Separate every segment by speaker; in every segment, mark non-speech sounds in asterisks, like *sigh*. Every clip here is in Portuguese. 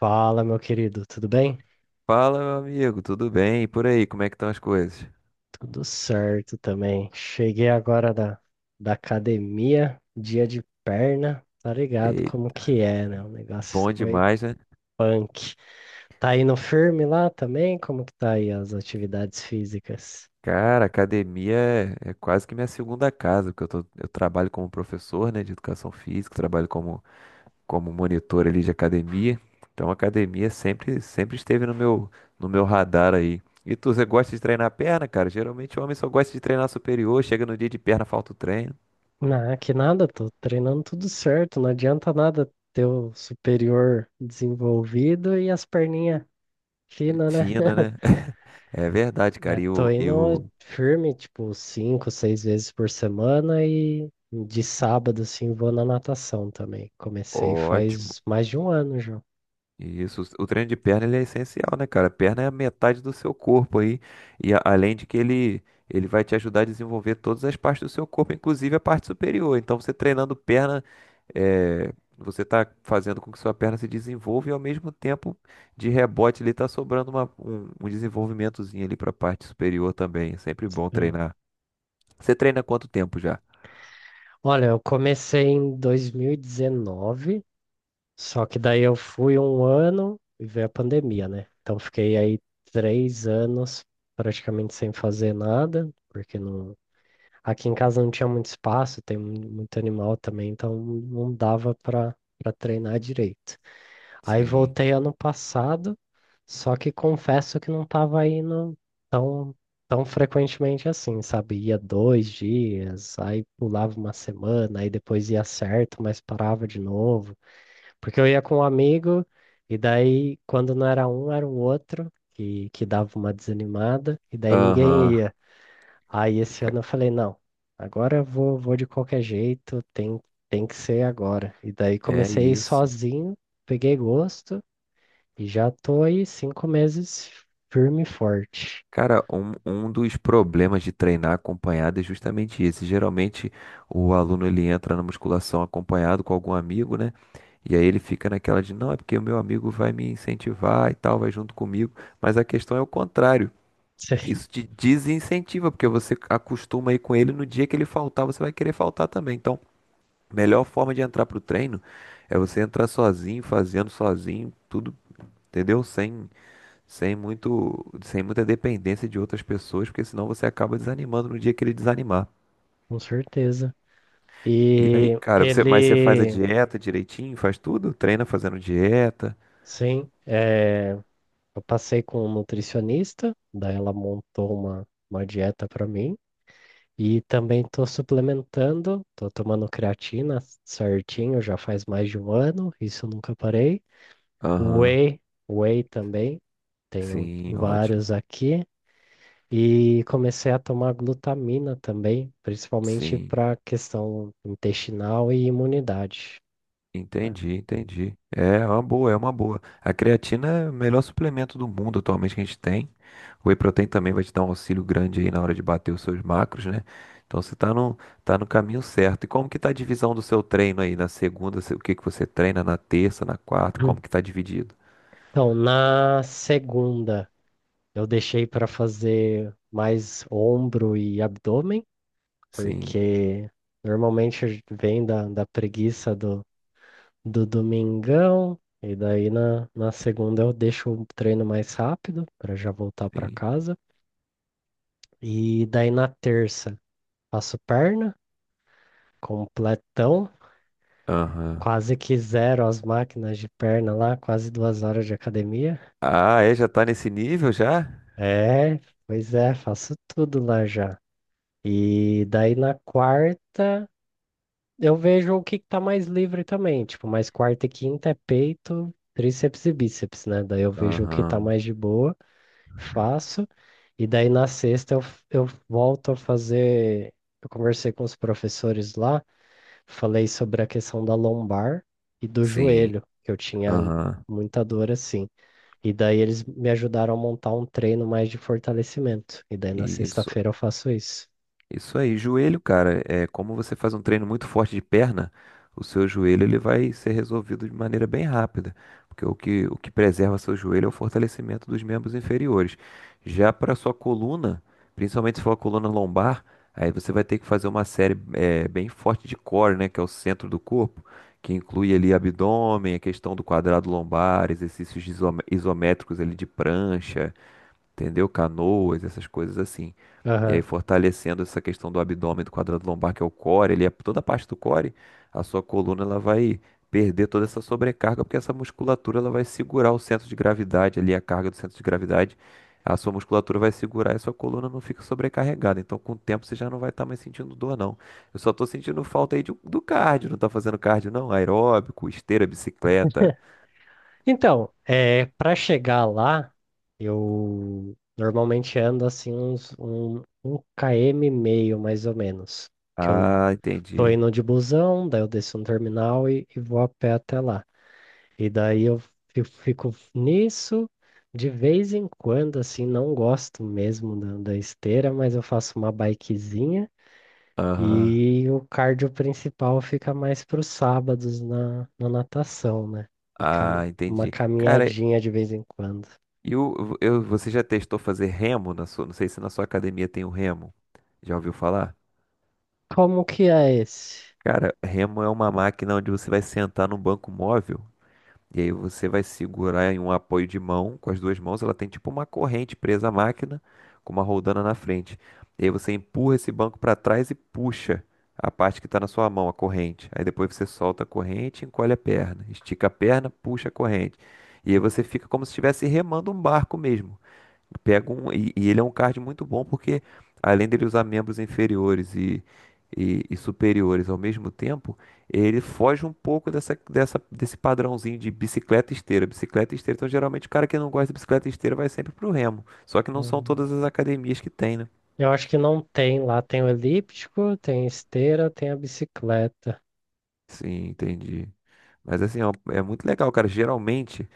Speaker 1: Fala, meu querido, tudo bem?
Speaker 2: Fala, meu amigo, tudo bem? E por aí, como é que estão as coisas?
Speaker 1: Tudo certo também. Cheguei agora da academia, dia de perna, tá ligado
Speaker 2: E
Speaker 1: como que é, né? O negócio
Speaker 2: bom
Speaker 1: foi
Speaker 2: demais, né?
Speaker 1: punk. Tá indo firme lá também? Como que tá aí as atividades físicas?
Speaker 2: Cara, academia é quase que minha segunda casa, porque eu trabalho como professor, né, de educação física, trabalho como, como monitor ali de academia. Então, academia sempre esteve no no meu radar aí. E você gosta de treinar perna, cara? Geralmente o homem só gosta de treinar superior, chega no dia de perna, falta o treino.
Speaker 1: Ah, que nada, tô treinando tudo certo, não adianta nada ter o superior desenvolvido e as perninhas finas, né?
Speaker 2: Fina,
Speaker 1: *laughs*
Speaker 2: né? *laughs* É verdade, cara.
Speaker 1: Mas tô indo firme, tipo, cinco, seis vezes por semana e de sábado, assim, vou na natação também. Comecei
Speaker 2: Ótimo.
Speaker 1: faz mais de um ano já.
Speaker 2: Isso, o treino de perna ele é essencial, né, cara? Perna é a metade do seu corpo aí, além de ele vai te ajudar a desenvolver todas as partes do seu corpo, inclusive a parte superior. Então, você treinando perna, é, você está fazendo com que sua perna se desenvolva e, ao mesmo tempo, de rebote, ele está sobrando um desenvolvimentozinho ali para a parte superior também. É sempre bom
Speaker 1: Sim.
Speaker 2: treinar. Você treina há quanto tempo já?
Speaker 1: Olha, eu comecei em 2019, só que daí eu fui um ano e veio a pandemia, né? Então fiquei aí 3 anos praticamente sem fazer nada, porque não, aqui em casa não tinha muito espaço, tem muito animal também, então não dava para treinar direito. Aí
Speaker 2: Sim.
Speaker 1: voltei ano passado, só que confesso que não estava indo tão, tão frequentemente assim, sabe? Ia dois dias, aí pulava uma semana, aí depois ia certo, mas parava de novo. Porque eu ia com um amigo, e daí quando não era um, era o outro, que dava uma desanimada, e daí ninguém
Speaker 2: Aham.
Speaker 1: ia. Aí esse
Speaker 2: Ca-
Speaker 1: ano eu falei, não, agora eu vou de qualquer jeito, tem que ser agora. E daí
Speaker 2: É
Speaker 1: comecei a ir
Speaker 2: isso.
Speaker 1: sozinho, peguei gosto e já tô aí 5 meses firme e forte.
Speaker 2: Cara, um dos problemas de treinar acompanhado é justamente esse. Geralmente o aluno ele entra na musculação acompanhado com algum amigo, né? E aí ele fica naquela de, não, é porque o meu amigo vai me incentivar e tal, vai junto comigo. Mas a questão é o contrário.
Speaker 1: *laughs* Sei.
Speaker 2: Isso te desincentiva, porque você acostuma aí com ele, no dia que ele faltar, você vai querer faltar também. Então, a melhor forma de entrar pro treino é você entrar sozinho, fazendo sozinho, tudo, entendeu? Sem muita dependência de outras pessoas, porque senão você acaba desanimando no dia que ele desanimar.
Speaker 1: Com certeza.
Speaker 2: E aí,
Speaker 1: E
Speaker 2: cara, mas você faz a
Speaker 1: ele,
Speaker 2: dieta direitinho, faz tudo? Treina fazendo dieta?
Speaker 1: sim, é, eu passei com um nutricionista, daí ela montou uma dieta para mim. E também tô suplementando, tô tomando creatina certinho, já faz mais de um ano, isso eu nunca parei.
Speaker 2: Aham.
Speaker 1: Whey, Whey também, tenho
Speaker 2: Sim, ótimo.
Speaker 1: vários aqui. E comecei a tomar glutamina também, principalmente
Speaker 2: Sim.
Speaker 1: para questão intestinal e imunidade.
Speaker 2: Entendi, entendi. É uma boa. A creatina é o melhor suplemento do mundo atualmente que a gente tem. O Whey Protein também vai te dar um auxílio grande aí na hora de bater os seus macros, né? Então você tá no caminho certo. E como que tá a divisão do seu treino aí? Na segunda, o que que você treina? Na terça, na quarta? Como que tá
Speaker 1: *clears throat*
Speaker 2: dividido?
Speaker 1: Então, na segunda, eu deixei para fazer mais ombro e abdômen,
Speaker 2: Sim,
Speaker 1: porque normalmente vem da preguiça do domingão, e daí na segunda eu deixo o treino mais rápido para já voltar para
Speaker 2: sim.
Speaker 1: casa. E daí na terça, faço perna, completão.
Speaker 2: Aham.
Speaker 1: Quase que zero as máquinas de perna lá, quase 2 horas de academia.
Speaker 2: Ah, é? Já tá nesse nível já?
Speaker 1: É, pois é, faço tudo lá já. E daí na quarta eu vejo o que que tá mais livre também. Tipo, mais quarta e quinta é peito, tríceps e bíceps, né? Daí eu vejo o que tá
Speaker 2: Aham.
Speaker 1: mais de boa, faço. E daí na sexta eu volto a fazer. Eu conversei com os professores lá, falei sobre a questão da lombar e do
Speaker 2: Sim.
Speaker 1: joelho, que eu tinha
Speaker 2: Aham.
Speaker 1: muita dor assim. E daí eles me ajudaram a montar um treino mais de fortalecimento. E daí na
Speaker 2: Isso.
Speaker 1: sexta-feira eu faço isso.
Speaker 2: Isso aí, joelho, cara, é como você faz um treino muito forte de perna, o seu joelho ele vai ser resolvido de maneira bem rápida, porque o que preserva seu joelho é o fortalecimento dos membros inferiores. Já para sua coluna, principalmente se for a coluna lombar, aí você vai ter que fazer uma série bem forte de core, né, que é o centro do corpo, que inclui ali abdômen, a questão do quadrado lombar, exercícios de isométricos ali de prancha, entendeu? Canoas, essas coisas assim. E aí
Speaker 1: Aham.
Speaker 2: fortalecendo essa questão do abdômen, do quadrado lombar, que é o core, ele é toda a parte do core, a sua coluna ela vai perder toda essa sobrecarga, porque essa musculatura ela vai segurar o centro de gravidade ali, a carga do centro de gravidade, a sua musculatura vai segurar e a sua coluna não fica sobrecarregada. Então, com o tempo, você já não vai estar mais sentindo dor, não. Eu só tô sentindo falta aí do cardio, não tá fazendo cardio, não? Aeróbico, esteira, bicicleta.
Speaker 1: Então, é, para chegar lá, eu normalmente ando assim uns 1 km e meio mais ou menos. Que eu
Speaker 2: Ah,
Speaker 1: tô
Speaker 2: entendi.
Speaker 1: indo de busão, daí eu desço no terminal e vou a pé até lá. E daí eu fico nisso. De vez em quando, assim, não gosto mesmo da esteira, mas eu faço uma bikezinha.
Speaker 2: Aham.
Speaker 1: E o cardio principal fica mais para os sábados na natação, né? E
Speaker 2: Ah,
Speaker 1: uma
Speaker 2: entendi. Cara,
Speaker 1: caminhadinha de vez em quando.
Speaker 2: Você já testou fazer remo na sua, não sei se na sua academia tem o remo. Já ouviu falar?
Speaker 1: Como que é esse?
Speaker 2: Cara, remo é uma máquina onde você vai sentar num banco móvel e aí você vai segurar em um apoio de mão com as duas mãos. Ela tem tipo uma corrente presa à máquina com uma roldana na frente. E aí você empurra esse banco para trás e puxa a parte que está na sua mão, a corrente. Aí depois você solta a corrente, e encolhe a perna, estica a perna, puxa a corrente. E aí você fica como se estivesse remando um barco mesmo. Pega um, e ele é um card muito bom porque, além dele usar membros inferiores e superiores ao mesmo tempo, ele foge um pouco desse padrãozinho de bicicleta e esteira, bicicleta e esteira. Então, geralmente, o cara que não gosta de bicicleta e esteira vai sempre pro remo. Só que não são
Speaker 1: Hum,
Speaker 2: todas as academias que tem, né?
Speaker 1: Eu acho que não tem lá. Tem o elíptico, tem a esteira, tem a bicicleta.
Speaker 2: Sim, entendi. Mas assim, ó, é muito legal, cara. Geralmente,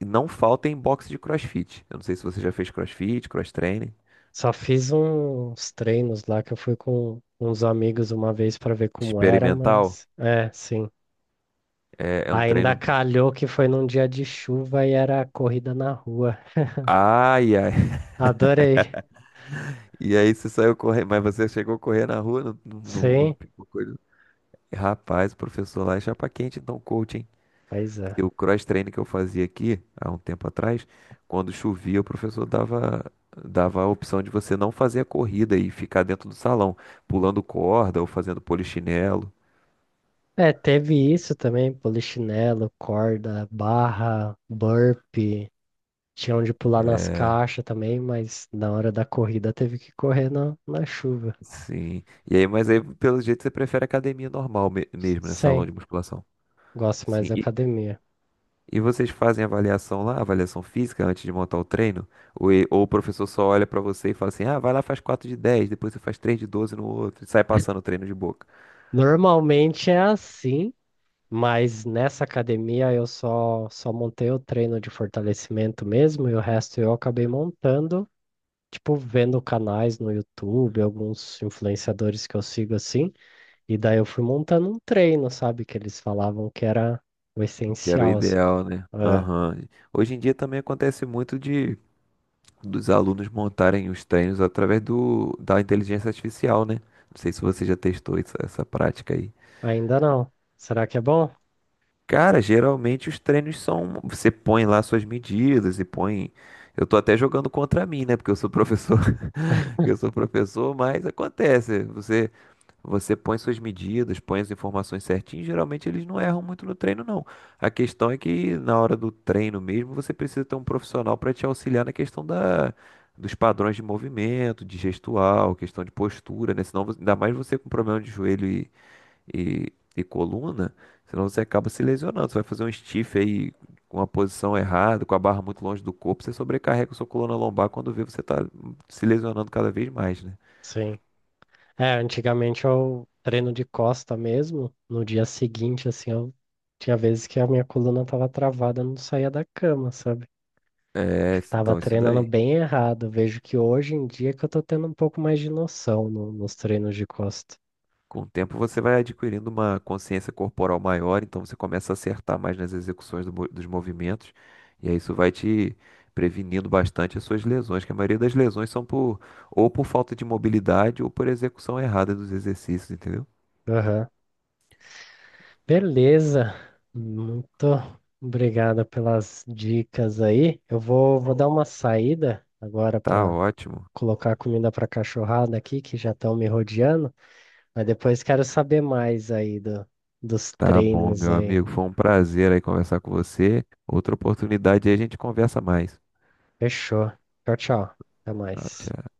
Speaker 2: não falta em box de CrossFit. Eu não sei se você já fez CrossFit, cross training.
Speaker 1: Só fiz uns treinos lá que eu fui com uns amigos uma vez para ver como era,
Speaker 2: Experimental
Speaker 1: mas é, sim.
Speaker 2: é um
Speaker 1: Ainda
Speaker 2: treino.
Speaker 1: calhou que foi num dia de chuva e era corrida na rua.
Speaker 2: Ai, ai.
Speaker 1: Adorei.
Speaker 2: E aí você saiu correndo, mas você chegou a correr na rua, não
Speaker 1: Sim,
Speaker 2: pegou coisa. Rapaz, o professor lá é chapa quente, então coach, hein?
Speaker 1: pois
Speaker 2: E
Speaker 1: é.
Speaker 2: o cross training que eu fazia aqui há um tempo atrás, quando chovia, dava a opção de você não fazer a corrida e ficar dentro do salão, pulando corda ou fazendo polichinelo.
Speaker 1: É, teve isso também, polichinelo, corda, barra, burpee. Tinha onde pular nas
Speaker 2: É,
Speaker 1: caixas também, mas na hora da corrida teve que correr na chuva.
Speaker 2: Sim. E aí, mas aí, pelo jeito, você prefere academia normal mesmo, né? Salão
Speaker 1: Sim,
Speaker 2: de musculação.
Speaker 1: gosto
Speaker 2: Sim.
Speaker 1: mais da academia.
Speaker 2: E vocês fazem avaliação lá, avaliação física antes de montar o treino? Ou o professor só olha pra você e fala assim: ah, vai lá, faz 4 de 10, depois você faz 3 de 12 no outro, e sai passando o treino de boca.
Speaker 1: Normalmente é assim, mas nessa academia eu só montei o treino de fortalecimento mesmo e o resto eu acabei montando, tipo, vendo canais no YouTube, alguns influenciadores que eu sigo assim. E daí eu fui montando um treino, sabe? Que eles falavam que era o
Speaker 2: Que era o
Speaker 1: essencial, assim.
Speaker 2: ideal, né?
Speaker 1: É,
Speaker 2: Aham. Hoje em dia também acontece muito de dos alunos montarem os treinos através da inteligência artificial, né? Não sei se você já testou essa prática aí.
Speaker 1: ainda não. Será que é bom?
Speaker 2: Cara, geralmente os treinos são. Você põe lá suas medidas e põe. Eu tô até jogando contra mim, né? Porque eu sou professor. *laughs*
Speaker 1: *laughs*
Speaker 2: Eu sou professor, mas acontece. Você põe suas medidas, põe as informações certinhas. Geralmente eles não erram muito no treino, não. A questão é que na hora do treino mesmo, você precisa ter um profissional para te auxiliar na questão dos padrões de movimento, de gestual, questão de postura, né? Senão, ainda mais você com problema de joelho e coluna, senão você acaba se lesionando. Você vai fazer um stiff aí com a posição errada, com a barra muito longe do corpo, você sobrecarrega a sua coluna lombar, quando vê você tá se lesionando cada vez mais, né?
Speaker 1: Sim. É, antigamente eu treino de costa mesmo. No dia seguinte, assim, eu tinha vezes que a minha coluna tava travada, eu não saía da cama, sabe?
Speaker 2: É,
Speaker 1: Acho que tava
Speaker 2: então isso
Speaker 1: treinando
Speaker 2: daí.
Speaker 1: bem errado. Vejo que hoje em dia que eu tô tendo um pouco mais de noção nos treinos de costa.
Speaker 2: Com o tempo você vai adquirindo uma consciência corporal maior, então você começa a acertar mais nas execuções dos movimentos, e aí isso vai te prevenindo bastante as suas lesões, que a maioria das lesões são por ou por falta de mobilidade ou por execução errada dos exercícios, entendeu?
Speaker 1: Aham. Beleza, muito obrigado pelas dicas aí. Eu vou dar uma saída agora
Speaker 2: Tá
Speaker 1: para
Speaker 2: ótimo.
Speaker 1: colocar comida para cachorrada aqui, que já estão me rodeando, mas depois quero saber mais aí dos
Speaker 2: Tá bom,
Speaker 1: treinos
Speaker 2: meu
Speaker 1: aí.
Speaker 2: amigo. Foi um prazer aí conversar com você. Outra oportunidade aí a gente conversa mais.
Speaker 1: Fechou. Tchau, tchau. Até
Speaker 2: Ah,
Speaker 1: mais.
Speaker 2: tchau.